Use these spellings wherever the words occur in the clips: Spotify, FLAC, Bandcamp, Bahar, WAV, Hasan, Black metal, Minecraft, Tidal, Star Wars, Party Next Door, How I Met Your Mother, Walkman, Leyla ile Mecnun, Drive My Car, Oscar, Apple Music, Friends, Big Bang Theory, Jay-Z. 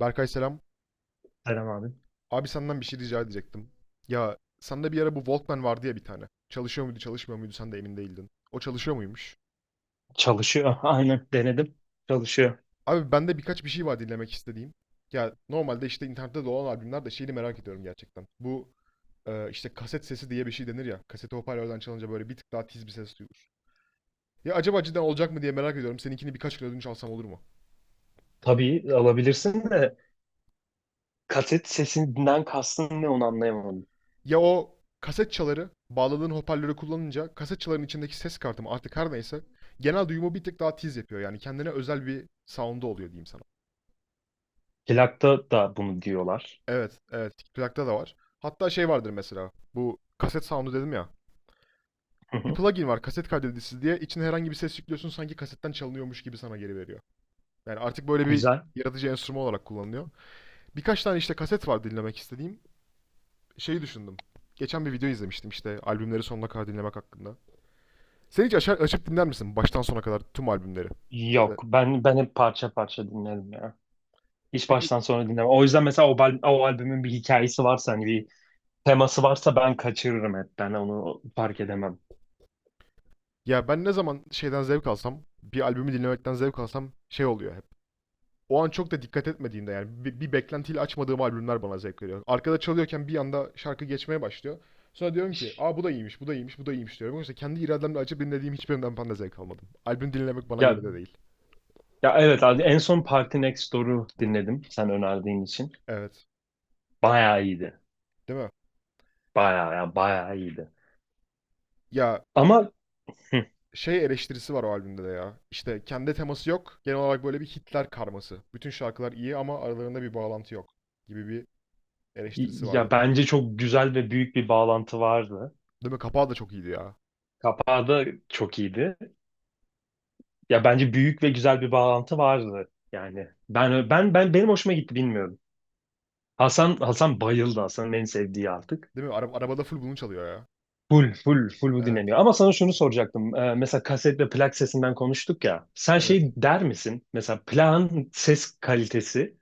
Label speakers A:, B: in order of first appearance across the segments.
A: Berkay selam.
B: Selam abi.
A: Abi senden bir şey rica edecektim. Ya sende bir ara bu Walkman vardı ya bir tane. Çalışıyor muydu, çalışmıyor muydu sen de emin değildin. O çalışıyor muymuş?
B: Çalışıyor. Aynen denedim. Çalışıyor.
A: Abi bende birkaç bir şey var dinlemek istediğim. Ya normalde işte internette dolan albümler de şeyini merak ediyorum gerçekten. Bu işte kaset sesi diye bir şey denir ya. Kaseti hoparlörden çalınca böyle bir tık daha tiz bir ses duyulur. Ya acaba cidden olacak mı diye merak ediyorum. Seninkini birkaç kere ödünç alsam olur mu?
B: Tabii alabilirsin de kaset sesinden kastın ne onu anlayamadım.
A: Ya o kaset çaları bağladığın hoparlörü kullanınca kaset çaların içindeki ses kartı mı artık her neyse genel duyumu bir tık daha tiz yapıyor. Yani kendine özel bir sound'u oluyor diyeyim sana.
B: Plakta da bunu diyorlar.
A: Evet, evet. Plakta da var. Hatta şey vardır mesela. Bu kaset sound'u dedim ya.
B: Hı
A: Bir
B: hı.
A: plugin var kaset kaydedicisi diye. İçine herhangi bir ses yüklüyorsun sanki kasetten çalınıyormuş gibi sana geri veriyor. Yani artık böyle bir
B: Güzel.
A: yaratıcı enstrüman olarak kullanılıyor. Birkaç tane işte kaset var dinlemek istediğim. Şeyi düşündüm. Geçen bir video izlemiştim işte albümleri sonuna kadar dinlemek hakkında. Sen hiç açar, açıp dinler misin baştan sona kadar tüm albümleri? Ya da.
B: Yok ben hep parça parça dinlerim ya. Hiç
A: Peki.
B: baştan sona dinlemem. O yüzden mesela o albümün bir hikayesi varsa hani bir teması varsa ben kaçırırım hep. Ben onu fark edemem.
A: Ya ben ne zaman şeyden zevk alsam, bir albümü dinlemekten zevk alsam şey oluyor hep. O an çok da dikkat etmediğimde yani bir beklentiyle açmadığım albümler bana zevk veriyor. Arkada çalıyorken bir anda şarkı geçmeye başlıyor. Sonra diyorum ki, "Aa bu da iyiymiş, bu da iyiymiş, bu da iyiymiş." diyorum. Oysa kendi irademle açıp dinlediğim hiçbirinden ben de zevk almadım. Albüm dinlemek bana
B: Ya,
A: göre de değil.
B: ya, evet abi en son Party Next Door'u dinledim sen önerdiğin için.
A: Evet.
B: Bayağı iyiydi.
A: Değil mi?
B: Bayağı ya bayağı iyiydi.
A: Ya
B: Ama hı.
A: şey eleştirisi var o albümde de ya. İşte kendi teması yok. Genel olarak böyle bir Hitler karması. Bütün şarkılar iyi ama aralarında bir bağlantı yok gibi bir eleştirisi
B: Ya
A: vardı.
B: bence çok güzel ve büyük bir bağlantı vardı.
A: Değil mi? Kapağı da çok iyiydi ya.
B: Kapağı da çok iyiydi. Ya bence büyük ve güzel bir bağlantı vardı. Yani benim hoşuma gitti bilmiyorum. Hasan bayıldı Hasan'ın en sevdiği artık.
A: Değil mi? Arabada full bunu çalıyor ya.
B: Full full full bu
A: Evet,
B: dinleniyor. Ama sana şunu soracaktım. Mesela kaset ve plak sesinden konuştuk ya. Sen şey
A: evet.
B: der misin? Mesela plağın ses kalitesi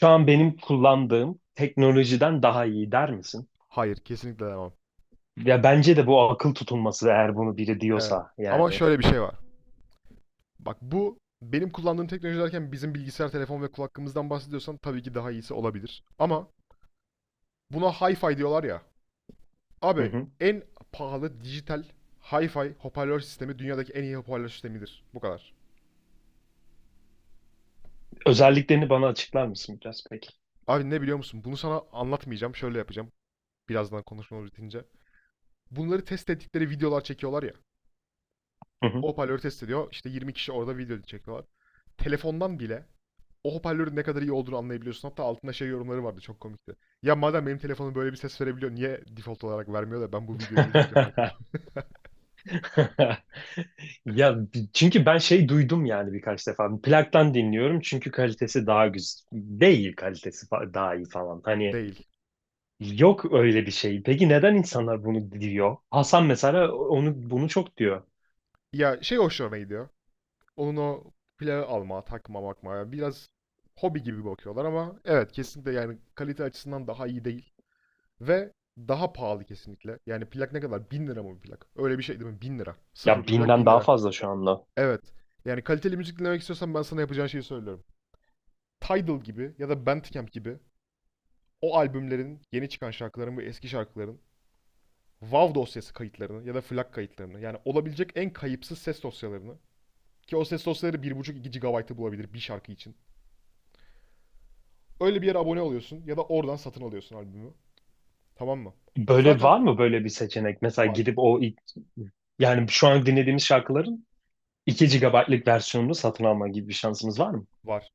B: şu an benim kullandığım teknolojiden daha iyi der misin?
A: Hayır, kesinlikle demem.
B: Ya bence de bu akıl tutulması eğer bunu biri
A: Evet.
B: diyorsa
A: Ama
B: yani.
A: şöyle bir şey var. Bak bu benim kullandığım teknoloji derken bizim bilgisayar, telefon ve kulaklığımızdan bahsediyorsan tabii ki daha iyisi olabilir. Ama buna hi-fi diyorlar ya.
B: Hı
A: Abi
B: hı.
A: en pahalı dijital hi-fi hoparlör sistemi dünyadaki en iyi hoparlör sistemidir. Bu kadar.
B: Özelliklerini bana açıklar mısın biraz peki?
A: Abi ne biliyor musun? Bunu sana anlatmayacağım. Şöyle yapacağım. Birazdan konuşmamız bitince. Bunları test ettikleri videolar çekiyorlar ya.
B: Hı hı.
A: O hoparlörü test ediyor. İşte 20 kişi orada video çekiyorlar. Telefondan bile o hoparlörün ne kadar iyi olduğunu anlayabiliyorsun. Hatta altında şey yorumları vardı çok komikti. Ya madem benim telefonum böyle bir ses verebiliyor niye default olarak vermiyor da ben bu videoyu izleyince fark ederim.
B: Ya çünkü ben şey duydum yani birkaç defa. Plaktan dinliyorum çünkü kalitesi daha güzel. Değil kalitesi daha iyi falan. Hani
A: Değil.
B: yok öyle bir şey. Peki neden insanlar bunu diyor? Hasan mesela onu bunu çok diyor.
A: Ya şey hoşlarına gidiyor. Onun o plağı alma, takma, bakma. Biraz hobi gibi bakıyorlar ama evet kesinlikle yani kalite açısından daha iyi değil. Ve daha pahalı kesinlikle. Yani plak ne kadar? 1.000 lira mı bir plak? Öyle bir şey değil mi? 1.000 lira. Sıfır
B: Ya
A: bir plak
B: 1.000'den
A: 1000
B: daha
A: lira.
B: fazla şu anda.
A: Evet. Yani kaliteli müzik dinlemek istiyorsan ben sana yapacağın şeyi söylüyorum. Tidal gibi ya da Bandcamp gibi o albümlerin, yeni çıkan şarkıların ve eski şarkıların WAV dosyası kayıtlarını ya da FLAC kayıtlarını yani olabilecek en kayıpsız ses dosyalarını ki o ses dosyaları 1,5-2 GB'ı bulabilir bir şarkı için. Öyle bir yere abone oluyorsun ya da oradan satın alıyorsun albümü. Tamam mı?
B: Böyle
A: Zaten
B: var mı böyle bir seçenek? Mesela
A: var,
B: gidip o ilk- yani şu an dinlediğimiz şarkıların 2 GB'lık versiyonunu satın alma gibi bir şansımız var mı?
A: var.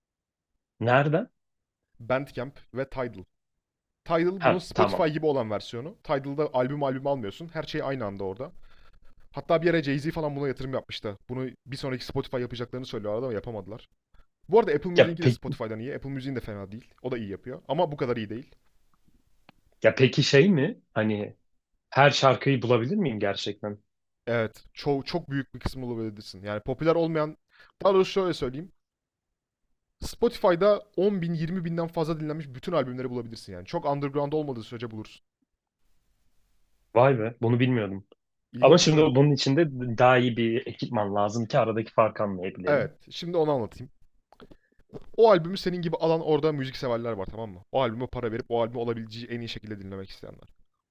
B: Nereden?
A: Bandcamp ve Tidal. Tidal
B: Ha,
A: bunun
B: tamam.
A: Spotify gibi olan versiyonu. Tidal'da albüm albüm almıyorsun. Her şey aynı anda orada. Hatta bir yere Jay-Z falan buna yatırım yapmıştı. Bunu bir sonraki Spotify yapacaklarını söylüyorlardı ama yapamadılar. Bu arada Apple
B: Ya,
A: Music'inki de
B: pe
A: Spotify'dan iyi. Apple Music'in de fena değil. O da iyi yapıyor. Ama bu kadar iyi değil.
B: ya peki şey mi? Hani her şarkıyı bulabilir miyim gerçekten?
A: Evet. Çok, çok büyük bir kısmını olabilirsin. Yani popüler olmayan... Daha doğrusu şöyle söyleyeyim. Spotify'da 10 bin, 20 binden fazla dinlenmiş bütün albümleri bulabilirsin yani. Çok underground olmadığı sürece bulursun.
B: Vay be, bunu bilmiyordum. Ama
A: İlginç değil
B: şimdi
A: mi?
B: bunun için de daha iyi bir ekipman lazım ki aradaki farkı
A: Evet.
B: anlayabilelim.
A: Şimdi onu anlatayım. O albümü senin gibi alan orada müzik severler var tamam mı? O albüme para verip o albümü olabileceği en iyi şekilde dinlemek isteyenler.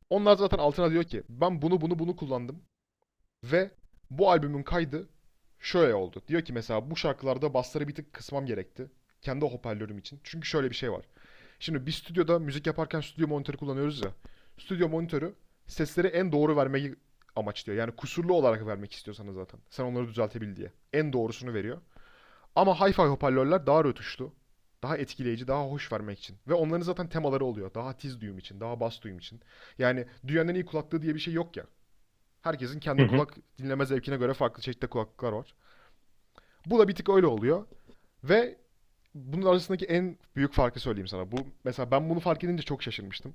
A: Onlar zaten altına diyor ki ben bunu bunu bunu kullandım ve bu albümün kaydı şöyle oldu. Diyor ki mesela bu şarkılarda basları bir tık kısmam gerekti. Kendi hoparlörüm için. Çünkü şöyle bir şey var. Şimdi biz stüdyoda müzik yaparken stüdyo monitörü kullanıyoruz ya. Stüdyo monitörü sesleri en doğru vermeyi amaçlıyor. Yani kusurlu olarak vermek istiyorsanız zaten. Sen onları düzeltebil diye. En doğrusunu veriyor. Ama hi-fi hoparlörler daha rötuşlu. Daha etkileyici, daha hoş vermek için. Ve onların zaten temaları oluyor. Daha tiz duyum için, daha bas duyum için. Yani dünyanın en iyi kulaklığı diye bir şey yok ya. Herkesin
B: Hı
A: kendi
B: hı,
A: kulak dinleme zevkine göre farklı çeşitli kulaklıklar var. Bu da bir tık öyle oluyor. Ve bunun arasındaki en büyük farkı söyleyeyim sana. Bu mesela ben bunu fark edince çok şaşırmıştım.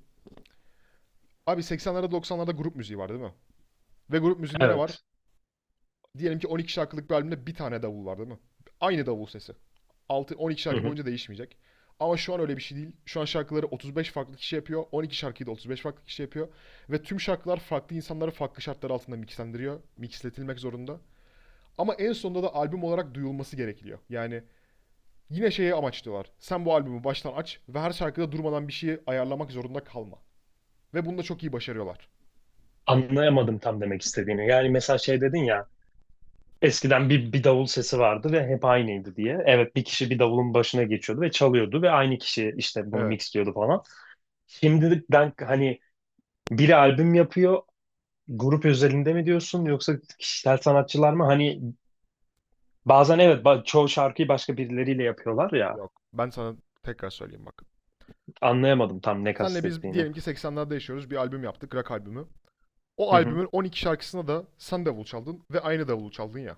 A: Abi 80'lerde 90'larda grup müziği var değil mi? Ve grup müziğinde ne var?
B: evet.
A: Diyelim ki 12 şarkılık bir albümde bir tane davul var değil mi? Aynı davul sesi. 6 12
B: Hı
A: şarkı
B: hı.
A: boyunca değişmeyecek. Ama şu an öyle bir şey değil. Şu an şarkıları 35 farklı kişi yapıyor. 12 şarkıyı da 35 farklı kişi yapıyor. Ve tüm şarkılar farklı insanları farklı şartlar altında mixlendiriyor. Mixletilmek zorunda. Ama en sonunda da albüm olarak duyulması gerekiyor. Yani yine şeye amaçlıyorlar. Sen bu albümü baştan aç ve her şarkıda durmadan bir şeyi ayarlamak zorunda kalma. Ve bunu da çok iyi başarıyorlar.
B: Anlayamadım tam demek istediğini. Yani mesela şey dedin ya, eskiden bir davul sesi vardı ve hep aynıydı diye. Evet, bir kişi bir davulun başına geçiyordu ve çalıyordu ve aynı kişi işte bunu
A: Evet.
B: mixliyordu falan. Şimdiden hani biri albüm yapıyor, grup özelinde mi diyorsun yoksa kişisel sanatçılar mı? Hani bazen evet çoğu şarkıyı başka birileriyle yapıyorlar ya.
A: Yok. Ben sana tekrar söyleyeyim bak.
B: Anlayamadım tam ne
A: Senle biz
B: kastettiğini.
A: diyelim ki 80'lerde yaşıyoruz. Bir albüm yaptık. Rock albümü. O
B: Hı hı.
A: albümün 12 şarkısına da sen davul çaldın ve aynı davulu çaldın ya.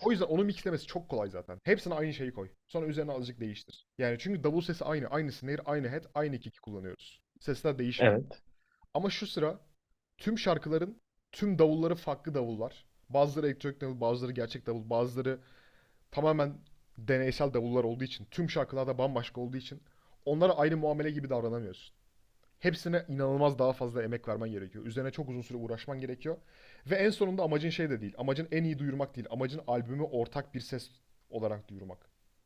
A: O yüzden onu mixlemesi çok kolay zaten. Hepsine aynı şeyi koy. Sonra üzerine azıcık değiştir. Yani çünkü davul sesi aynı. Aynı snare, aynı head, aynı kick'i kullanıyoruz. Sesler değişmiyor.
B: Evet.
A: Ama şu sıra tüm şarkıların tüm davulları farklı davullar. Bazıları elektronik davul, bazıları gerçek davul, bazıları tamamen deneysel davullar olduğu için, tüm şarkılarda bambaşka olduğu için onlara aynı muamele gibi davranamıyorsun. Hepsine inanılmaz daha fazla emek vermen gerekiyor. Üzerine çok uzun süre uğraşman gerekiyor. Ve en sonunda amacın şey de değil. Amacın en iyi duyurmak değil. Amacın albümü ortak bir ses olarak duyurmak.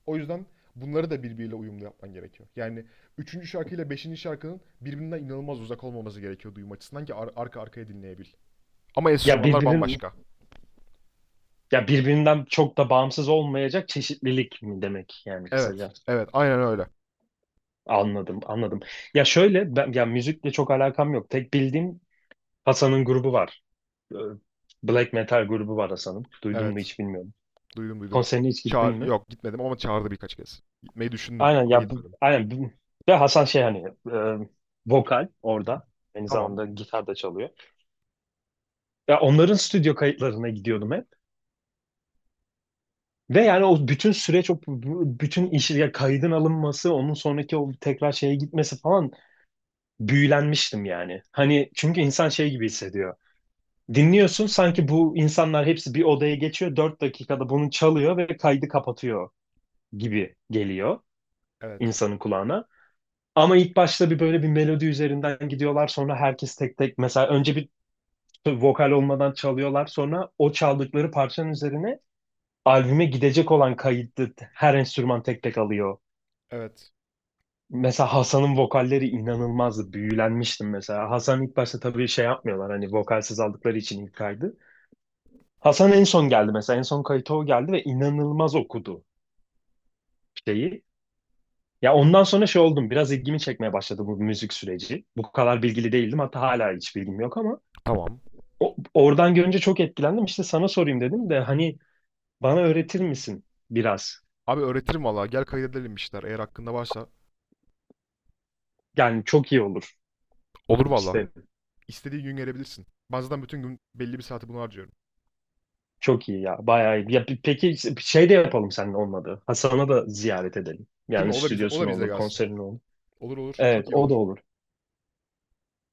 A: O yüzden bunları da birbiriyle uyumlu yapman gerekiyor. Yani üçüncü şarkıyla beşinci şarkının birbirinden inanılmaz uzak olmaması gerekiyor duyum açısından ki arka arkaya dinleyebil. Ama
B: Ya
A: enstrümanlar
B: birbirin
A: bambaşka.
B: ya birbirinden çok da bağımsız olmayacak çeşitlilik mi demek yani
A: Evet.
B: kısaca.
A: Evet. Aynen öyle.
B: Anladım, anladım. Ya şöyle ben ya müzikle çok alakam yok. Tek bildiğim Hasan'ın grubu var. Ee, Black metal grubu var Hasan'ın. Duydun mu
A: Evet.
B: hiç bilmiyorum.
A: Duydum duydum.
B: Konserine hiç gittin
A: Çağır
B: mi?
A: yok gitmedim ama çağırdı birkaç kez. Gitmeyi düşündüm
B: Aynen
A: ama
B: ya bu,
A: gitmedim.
B: ve Hasan şey hani e, vokal orada. Aynı
A: Tamam.
B: zamanda gitar da çalıyor. Ya onların stüdyo kayıtlarına gidiyordum hep. Ve yani o bütün süreç, bütün iş, ya kaydın alınması, onun sonraki o tekrar şeye gitmesi falan büyülenmiştim yani. Hani çünkü insan şey gibi hissediyor. Dinliyorsun sanki bu insanlar hepsi bir odaya geçiyor, 4 dakikada bunu çalıyor ve kaydı kapatıyor gibi geliyor
A: Evet.
B: insanın kulağına. Ama ilk başta bir böyle bir melodi üzerinden gidiyorlar, sonra herkes tek tek mesela önce bir vokal olmadan çalıyorlar, sonra o çaldıkları parçanın üzerine albüme gidecek olan kayıttı her enstrüman tek tek alıyor.
A: Evet.
B: Mesela Hasan'ın vokalleri inanılmazdı. Büyülenmiştim mesela. Hasan ilk başta tabii şey yapmıyorlar hani vokalsiz aldıkları için ilk kaydı. Hasan en son geldi mesela. En son kayıta o geldi ve inanılmaz okudu şeyi. Ya ondan sonra şey oldum. Biraz ilgimi çekmeye başladı bu müzik süreci. Bu kadar bilgili değildim. Hatta hala hiç bilgim yok ama
A: Tamam.
B: oradan görünce çok etkilendim. İşte sana sorayım dedim de hani bana öğretir misin biraz?
A: Abi öğretirim valla. Gel kaydedelim işler. Eğer hakkında varsa.
B: Yani çok iyi olur.
A: Olur
B: Çok
A: valla.
B: isterim.
A: İstediği gün gelebilirsin. Ben zaten bütün gün belli bir saati buna harcıyorum.
B: Çok iyi ya. Bayağı iyi. Peki şey de yapalım senin olmadı. Hasan'a da ziyaret edelim.
A: Değil mi?
B: Yani
A: O da bize, o
B: stüdyosu
A: da
B: ne
A: bize
B: olur,
A: gelsin.
B: konseri ne olur.
A: Olur olur.
B: Evet,
A: Çok iyi
B: o da
A: olur.
B: olur.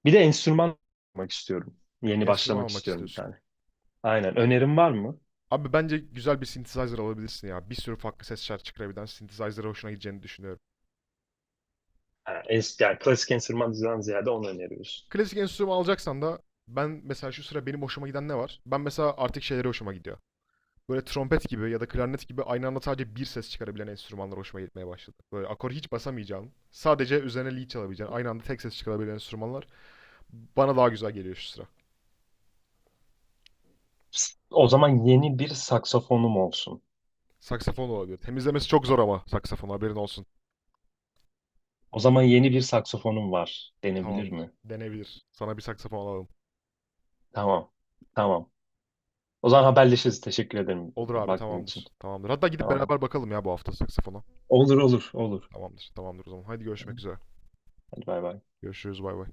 B: Bir de enstrüman almak istiyorum. Yeni
A: Enstrüman
B: başlamak
A: almak
B: istiyorum bir
A: istiyorsun.
B: tane. Aynen. Önerin var mı?
A: Abi bence güzel bir synthesizer alabilirsin ya. Bir sürü farklı ses şarkı çıkarabilen synthesizer'a hoşuna gideceğini düşünüyorum.
B: Yani klasik enstrümandan ziyade onu öneriyoruz.
A: Klasik enstrüman alacaksan da ben mesela şu sıra benim hoşuma giden ne var? Ben mesela artık şeyleri hoşuma gidiyor. Böyle trompet gibi ya da klarnet gibi aynı anda sadece bir ses çıkarabilen enstrümanlar hoşuma gitmeye başladı. Böyle akor hiç basamayacağın, sadece üzerine lead çalabileceğin, aynı anda tek ses çıkarabilen enstrümanlar bana daha güzel geliyor şu sıra.
B: O zaman yeni bir saksafonum olsun.
A: Saksafon olabilir. Temizlemesi çok zor ama saksafon haberin olsun.
B: O zaman yeni bir saksafonum var denebilir
A: Tamamdır.
B: mi?
A: Denebilir. Sana bir saksafon alalım.
B: Tamam. Tamam. O zaman haberleşiriz. Teşekkür ederim
A: Olur abi
B: vaktin için.
A: tamamdır. Tamamdır. Hatta gidip
B: Tamam.
A: beraber bakalım ya bu hafta saksafona.
B: Olur olur olur.
A: Tamamdır. Tamamdır o zaman. Haydi görüşmek üzere.
B: Hadi bay bay.
A: Görüşürüz bay bay.